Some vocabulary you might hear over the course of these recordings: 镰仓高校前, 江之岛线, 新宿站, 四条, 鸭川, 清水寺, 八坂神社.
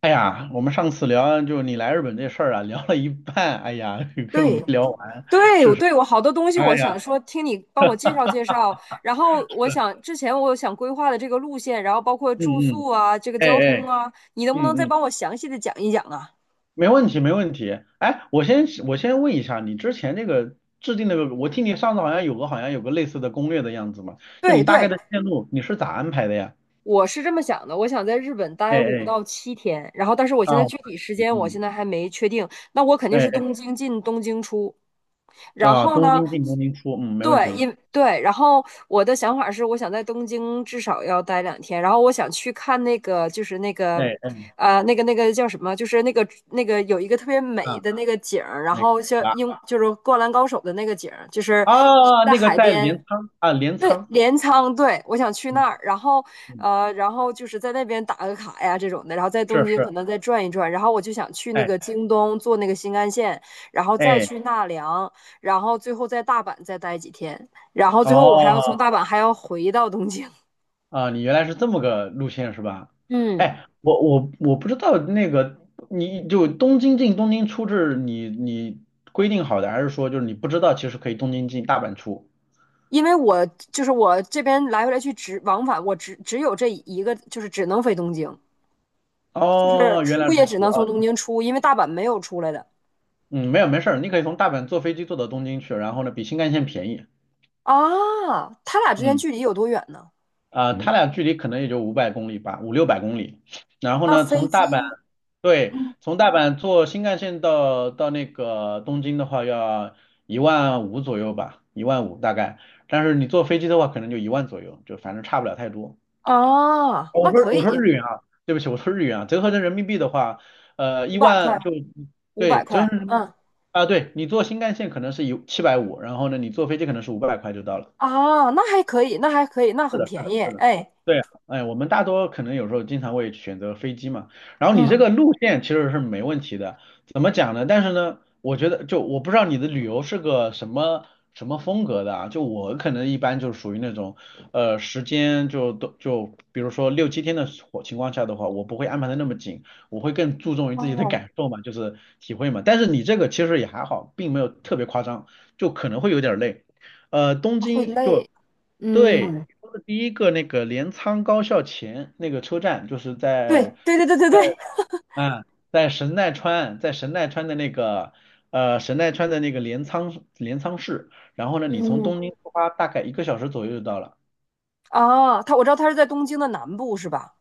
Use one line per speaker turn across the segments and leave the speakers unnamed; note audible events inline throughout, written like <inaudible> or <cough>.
哎呀，我们上次聊就你来日本这事儿啊，聊了一半，哎呀，<laughs> 根本没
对
聊完。
对，我好多东西，
哎
我
呀，
想说听你帮我介绍介绍。然后我想之前我想规划的这个路线，然后包括
嗯
住
嗯，
宿啊，这个
哎
交
哎，
通啊，你能不能
嗯
再
嗯，
帮我详细的讲一讲啊？
没问题没问题。哎，我先问一下，你之前那个制定那个，我听你上次好像有个类似的攻略的样子嘛，就
对
你大概
对，
的线路你是咋安排的呀？
我是这么想的，我想在日本
哎
待五
哎，
到七天，然后但是我
啊，
现在具体时间我
嗯，
现在还没确定，那我肯定
哎
是
哎，
东京进东京出，然
啊，
后
东
呢，
京进东京出，嗯，没问
对，
题。
然后我的想法是，我想在东京至少要待两天，然后我想去看那个，就是那个，
哎哎，
那个那个叫什么，就是那个有一个特别美
啊，
的那个景儿，然
没
后像
啊
英就是《灌篮高手》的那个景儿，就是
啊，
在
那个
海
在
边，
镰仓啊，镰
对，
仓，
镰仓，对，我想去
嗯
那儿，
嗯，
然后就是在那边打个卡呀这种的，然后在
是
东京
是，
可能再转一转，然后我就想去那
哎。
个京东坐那个新干线，然后再
哎
去纳凉，然后最后在大阪再待几天，然后最后我还要从
哦，
大阪还要回到东京。
啊，你原来是这么个路线是吧？
嗯
哎，我不知道那个，你就东京进东京出是你规定好的，还是说就是你不知道其实可以东京进大阪出？
因为我就是我这边来回来去只往返，我只有这一个，就是只能飞东京，就是
哦，原来
出也
如
只
此
能
啊，
从东京出，因为大阪没有出来的
嗯，没有没事儿，你可以从大阪坐飞机坐到东京去，然后呢比新干线便宜，
啊。他俩之间
嗯，
距离有多远呢？
它俩距离可能也就五百公里吧，五六百公里，然后
那
呢
飞
从
机
大阪对，从大阪坐新干线到那个东京的话，要一万五左右吧，一万五大概。但是你坐飞机的话，可能就一万左右，就反正差不了太多。
啊，
哦我
那
说
可
我说
以，
日元啊，对不起，我说日元啊，折合成人民币的话，
五
一
百块，
万就
五百
对，折合
块，
成人民币
嗯
啊，对你坐新干线可能是一七百五，750然后呢，你坐飞机可能是五百块就到了。
啊，那还可以，那还可以，那
是
很
的，是
便
的，
宜，
是的，
哎，
对啊，哎，我们大多可能有时候经常会选择飞机嘛，然后你这
嗯，
个路线其实是没问题的，怎么讲呢？但是呢，我觉得就我不知道你的旅游是个什么风格的啊，就我可能一般就属于那种，时间就都就比如说六七天的火情况下的话，我不会安排的那么紧，我会更注重于自己的
哦，
感受嘛，就是体会嘛。但是你这个其实也还好，并没有特别夸张，就可能会有点累。东
他会
京就
累，
对，
嗯，
说的第一个那个镰仓高校前那个车站，就是
对
在
对对对对对，
嗯，在神奈川，在神奈川的那个神奈川的那个镰仓市，然后呢，你从
嗯，
东京出发大概一个小时左右就到了。
啊，我知道他是在东京的南部是吧？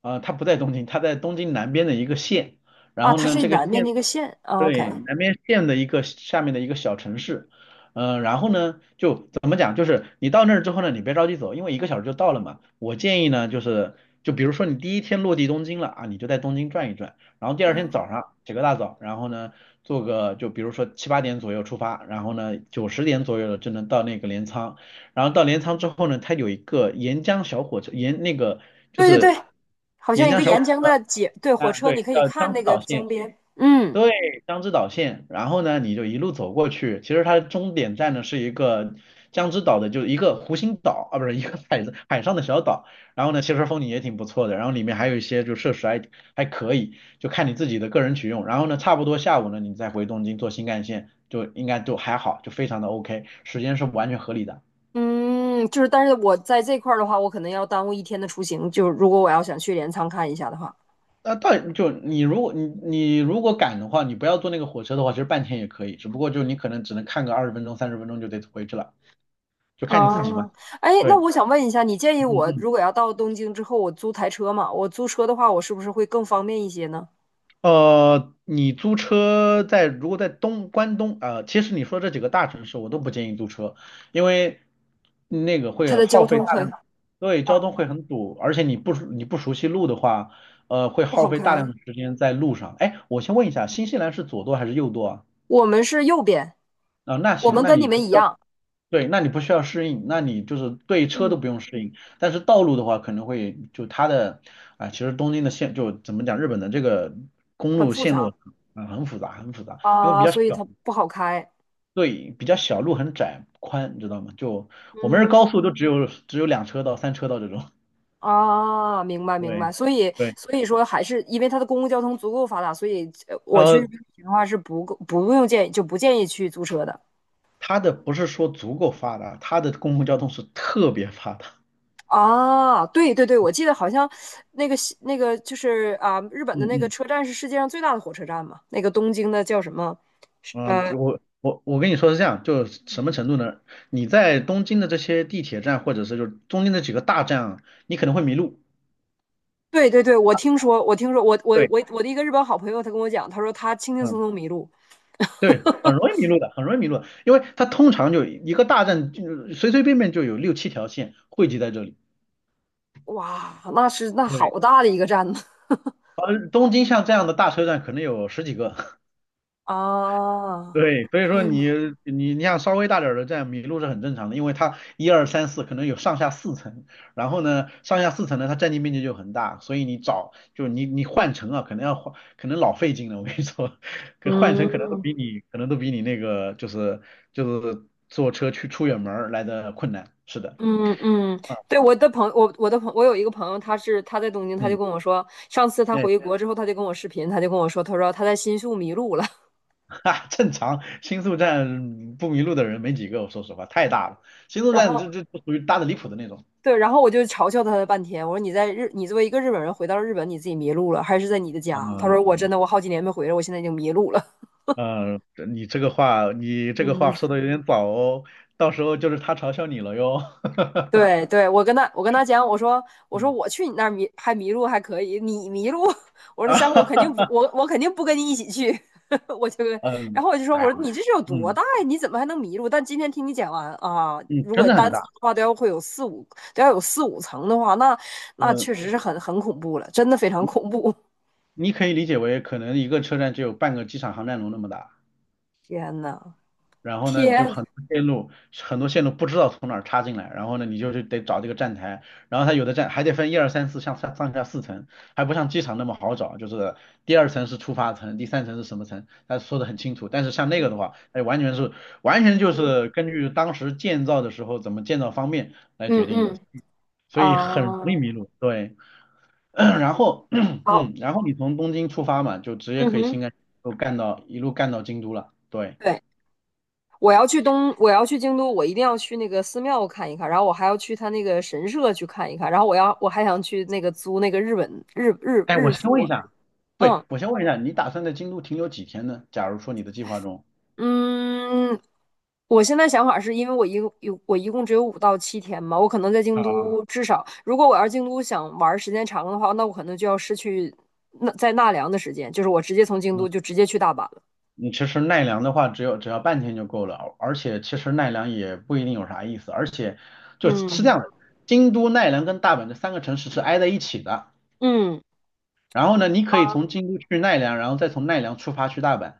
啊，他不在东京，他在东京南边的一个县，然
啊，
后
它
呢，
是
这个
南面
县。
那个县啊，OK，
对，南边县的一个下面的一个小城市，然后呢，就怎么讲，就是你到那儿之后呢，你别着急走，因为一个小时就到了嘛。我建议呢，就是就比如说你第一天落地东京了啊，你就在东京转一转，然后第二天早
嗯，
上起个大早，然后呢，做个就比如说七八点左右出发，然后呢九十点左右了就能到那个镰仓，然后到镰仓之后呢，它有一个沿江小火车，沿那个就
对对
是
对，好
沿
像一个
江小
沿
火
江
车，
的街，对，火
嗯，
车
对，
你可以
叫
看
江之
那个
岛
江
线，
边，嗯
对，江之岛线。然后呢，你就一路走过去，其实它的终点站呢是一个江之岛的，就是一个湖心岛啊，不是一个海上的小岛。然后呢，其实风景也挺不错的，然后里面还有一些就设施还可以，就看你自己的个人取用。然后呢，差不多下午呢，你再回东京坐新干线，就应该就还好，就非常的 OK，时间是完全合理的。
嗯，就是，但是我在这块儿的话，我可能要耽误一天的出行，就是如果我要想去镰仓看一下的话，
那到就你如果你如果赶的话，你不要坐那个火车的话，其实半天也可以，只不过就你可能只能看个二十分钟、三十分钟就得回去了，就看你自己嘛。
哦，哎，
对，
那我想问一下，你建议
嗯
我
嗯。
如果要到东京之后，我租台车嘛？我租车的话，我是不是会更方便一些呢？
你租车在如果在东关东啊、其实你说这几个大城市我都不建议租车，因为那个
它
会
的
耗
交
费
通
大
很
量，对，交
啊，
通会很堵，而且你不熟悉路的话，会
不
耗
好
费大量
开，
的时间在路上。哎，我先问一下，新西兰是左舵还是右舵啊？
我们是右边，
那
我
行，
们
那
跟你
你
们一样，
对，那你不需要适应，那你就是对车都不
嗯
用适应，但是道路的话可能会就它的其实东京的线就怎么讲，日本的这个公
很
路
复
线
杂
路很复杂，很复杂，因为比
啊，
较
所以
小，
它不好开。
对，比较小，路很窄宽，你知道吗？就我们是高
嗯
速都只有两车道、三车道这种，
啊，明白明白，
对
所以
对，
所以说还是因为它的公共交通足够发达，所以我去日
呃，
本旅行的话是不够不用建议就不建议去租车的。
它的不是说足够发达，它的公共交通是特别发达，
啊，对对对，我记得好像那个西那个就是啊，日本的
嗯
那个
嗯。
车站是世界上最大的火车站嘛，那个东京的叫什么？
嗯，
呃，
我跟你说是这样，就是什么程度呢？你在东京的这些地铁站，或者是就中间的几个大站啊，你可能会迷路。
对对对，我听说，我我
对，
我我的一个日本好朋友，他跟我讲，他说他轻轻松
嗯，
松迷路，
对，很容易迷路的，很容易迷路的，因为它通常就一个大站，就是随随便便就有六七条线汇集在这里。
哇，那
对，
好大的一个站呢。<laughs>
东京像这样的大车站可能有十几个，<laughs>
啊，
对，所以说你你像稍微大点儿的站迷路是很正常的，因为它一二三四可能有上下四层，然后呢上下四层呢它占地面积就很大，所以你找就你换乘啊，可能老费劲了，我跟你说，<laughs> 可换乘可能都
嗯
比你可能都比你那个就是就是坐车去出远门儿来的困难，是的，
嗯嗯，
啊
对，我有一个朋友，他在东京，他就
嗯，
跟我说，上次他
那、
回
<laughs>
国之后，他就跟我视频，他就跟我说，他说他在新宿迷路了。
哈，正常，新宿站不迷路的人没几个，我说实话太大了，新
<laughs>
宿
然
站
后
这属于大的离谱的那种，
对，然后我就嘲笑他了半天。我说你在日，你作为一个日本人回到了日本，你自己迷路了，还是在你的家？他说
嗯。
我真的，我好几年没回来，我现在已经迷路了。
嗯，这你这个话，你这个
嗯，
话说的
<laughs>
有点早哦，到时候就是他嘲笑你了哟。
对对，我跟他讲，我说我去你那儿迷路还可以，你迷路，<laughs> 我
<laughs>
说
嗯
下回我肯定
啊，
不我我肯定不跟你一起去，<laughs> 我就
<laughs>
然
嗯，
后我就说
哎呀，
我说你这是有多
嗯
大呀？你怎么还能迷路？但今天听你讲完啊，
嗯，
如
真
果
的
单
很
层
大，
的话都要有四五层的话，那确实
嗯，
是很恐怖了，真的非常恐怖，
你可以理解为可能一个车站只有半个机场航站楼那么大。
<laughs> 天呐。
然后呢，你就
天，
很多线路，很多线路不知道从哪儿插进来，然后呢，你就是得找这个站台，然后它有的站还得分一二三四，像上上下四层，还不像机场那么好找，就是第二层是出发层，第三层是什么层，他说的很清楚。但是像那个的话，哎，完全是完全就是根据当时建造的时候怎么建造方便来决
嗯
定的，
嗯
所以很容易
啊，
迷路。对，<clears throat> 然后 <clears throat>
好，
嗯，然后你从东京出发嘛，就直接
嗯
可以
哼，
新干都干到一路干到京都了。对。
对，我要去京都，我一定要去那个寺庙看一看，然后我还要去他那个神社去看一看，然后我还想去那个租那个日本日日
哎，我
日
先问一
服，
下，
嗯
对，我先问一下，你打算在京都停留几天呢？假如说你的计划中，
嗯，我现在想法是因为我一共只有五到七天嘛，我可能在京
啊，
都至少，如果我要是京都想玩儿时间长的话，那我可能就要失去那在奈良的时间，就是我直接从京都就直接去大阪了，
你其实奈良的话，只有只要半天就够了，而且其实奈良也不一定有啥意思，而且就是这
嗯
样的，京都、奈良跟大阪这三个城市是挨在一起的，
嗯。
然后呢，你可以从京都去奈良，然后再从奈良出发去大阪，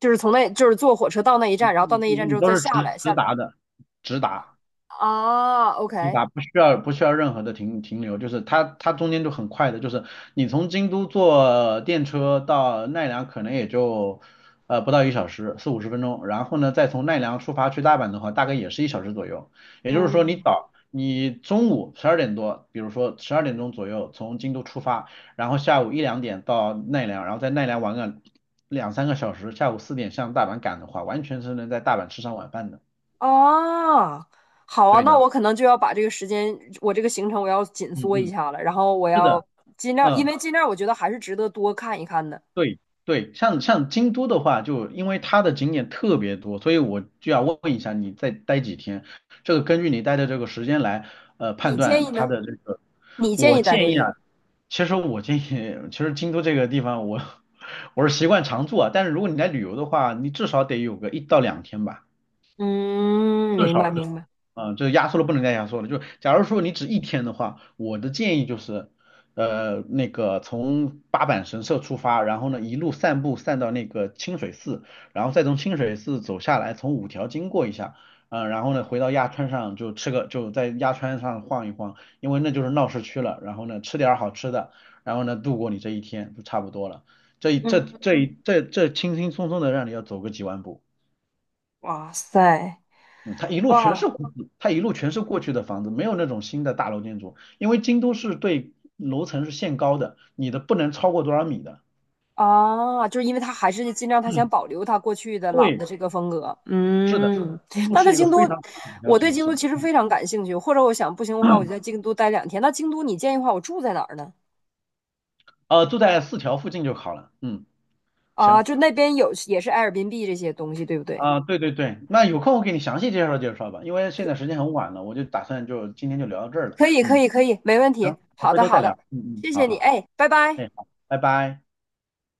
就是坐火车到那一
嗯
站，然后到
嗯
那一站之
嗯，
后
都
再
是
下
直
来，
直
下来
达的，直达。
啊
直
，OK，
达不需要任何的停留，就是它中间就很快的，就是你从京都坐电车到奈良可能也就不到一小时，四五十分钟，然后呢再从奈良出发去大阪的话，大概也是一小时左右。也就是说你
嗯，
早你中午十二点多，比如说十二点钟左右从京都出发，然后下午一两点到奈良，然后在奈良玩个两三个小时，下午四点向大阪赶的话，完全是能在大阪吃上晚饭的。
啊，好啊，
对
那
的，
我可能就要把这个时间，我这个行程我要紧
嗯
缩一
嗯，
下了，然后我
是
要
的，
尽量，因
嗯。
为尽量我觉得还是值得多看一看的。
对对，像像京都的话，就因为它的景点特别多，所以我就要问一下你再待几天，这个根据你待的这个时间来，判
你建议
断它
呢？
的这个。
你建
我
议待多
建议
久？
啊，其实我建议，其实京都这个地方我 <laughs> 我是习惯常住啊，但是如果你来旅游的话，你至少得有个一到两天吧，
嗯，
至
明白
少。
明白。
嗯，就是压缩了不能再压缩了。就假如说你只一天的话，我的建议就是，那个从八坂神社出发，然后呢一路散步散到那个清水寺，然后再从清水寺走下来，从五条经过一下，然后呢回到鸭川上就吃个就在鸭川上晃一晃，因为那就是闹市区了。然后呢吃点儿好吃的，然后呢度过你这一天就差不多了。这一这
嗯，
这一这这轻轻松松的让你要走个几万步。
哇塞，
嗯，它一路全是
哇。
过去，它一路全是过去的房子，没有那种新的大楼建筑，因为京都是对楼层是限高的，你的不能超过多少米的。
啊，就是因为他还是尽量他想保留他过去的老
对，
的这个风格。
是的，
嗯，
京都
那在
是一个
京
非
都，
常紧张
我对
城
京都
市，
其实非常感兴趣，或者我想不行的话，我就在京都待两天。那京都你建议的话，我住在哪儿呢？
住在四条附近就好了。嗯，
啊，
行，
就那边有也是 Airbnb 这些东西，对不对？
对对对，那有空我给你详细介绍介绍吧，因为现在时间很晚了，我就打算就今天就聊到这儿了。
可以，可
嗯，
以，可以，没问题。
行，好
好
回
的，
头
好
再聊。
的，
嗯嗯，
谢
好
谢你，
好好，
哎，拜拜。
哎，好，拜拜。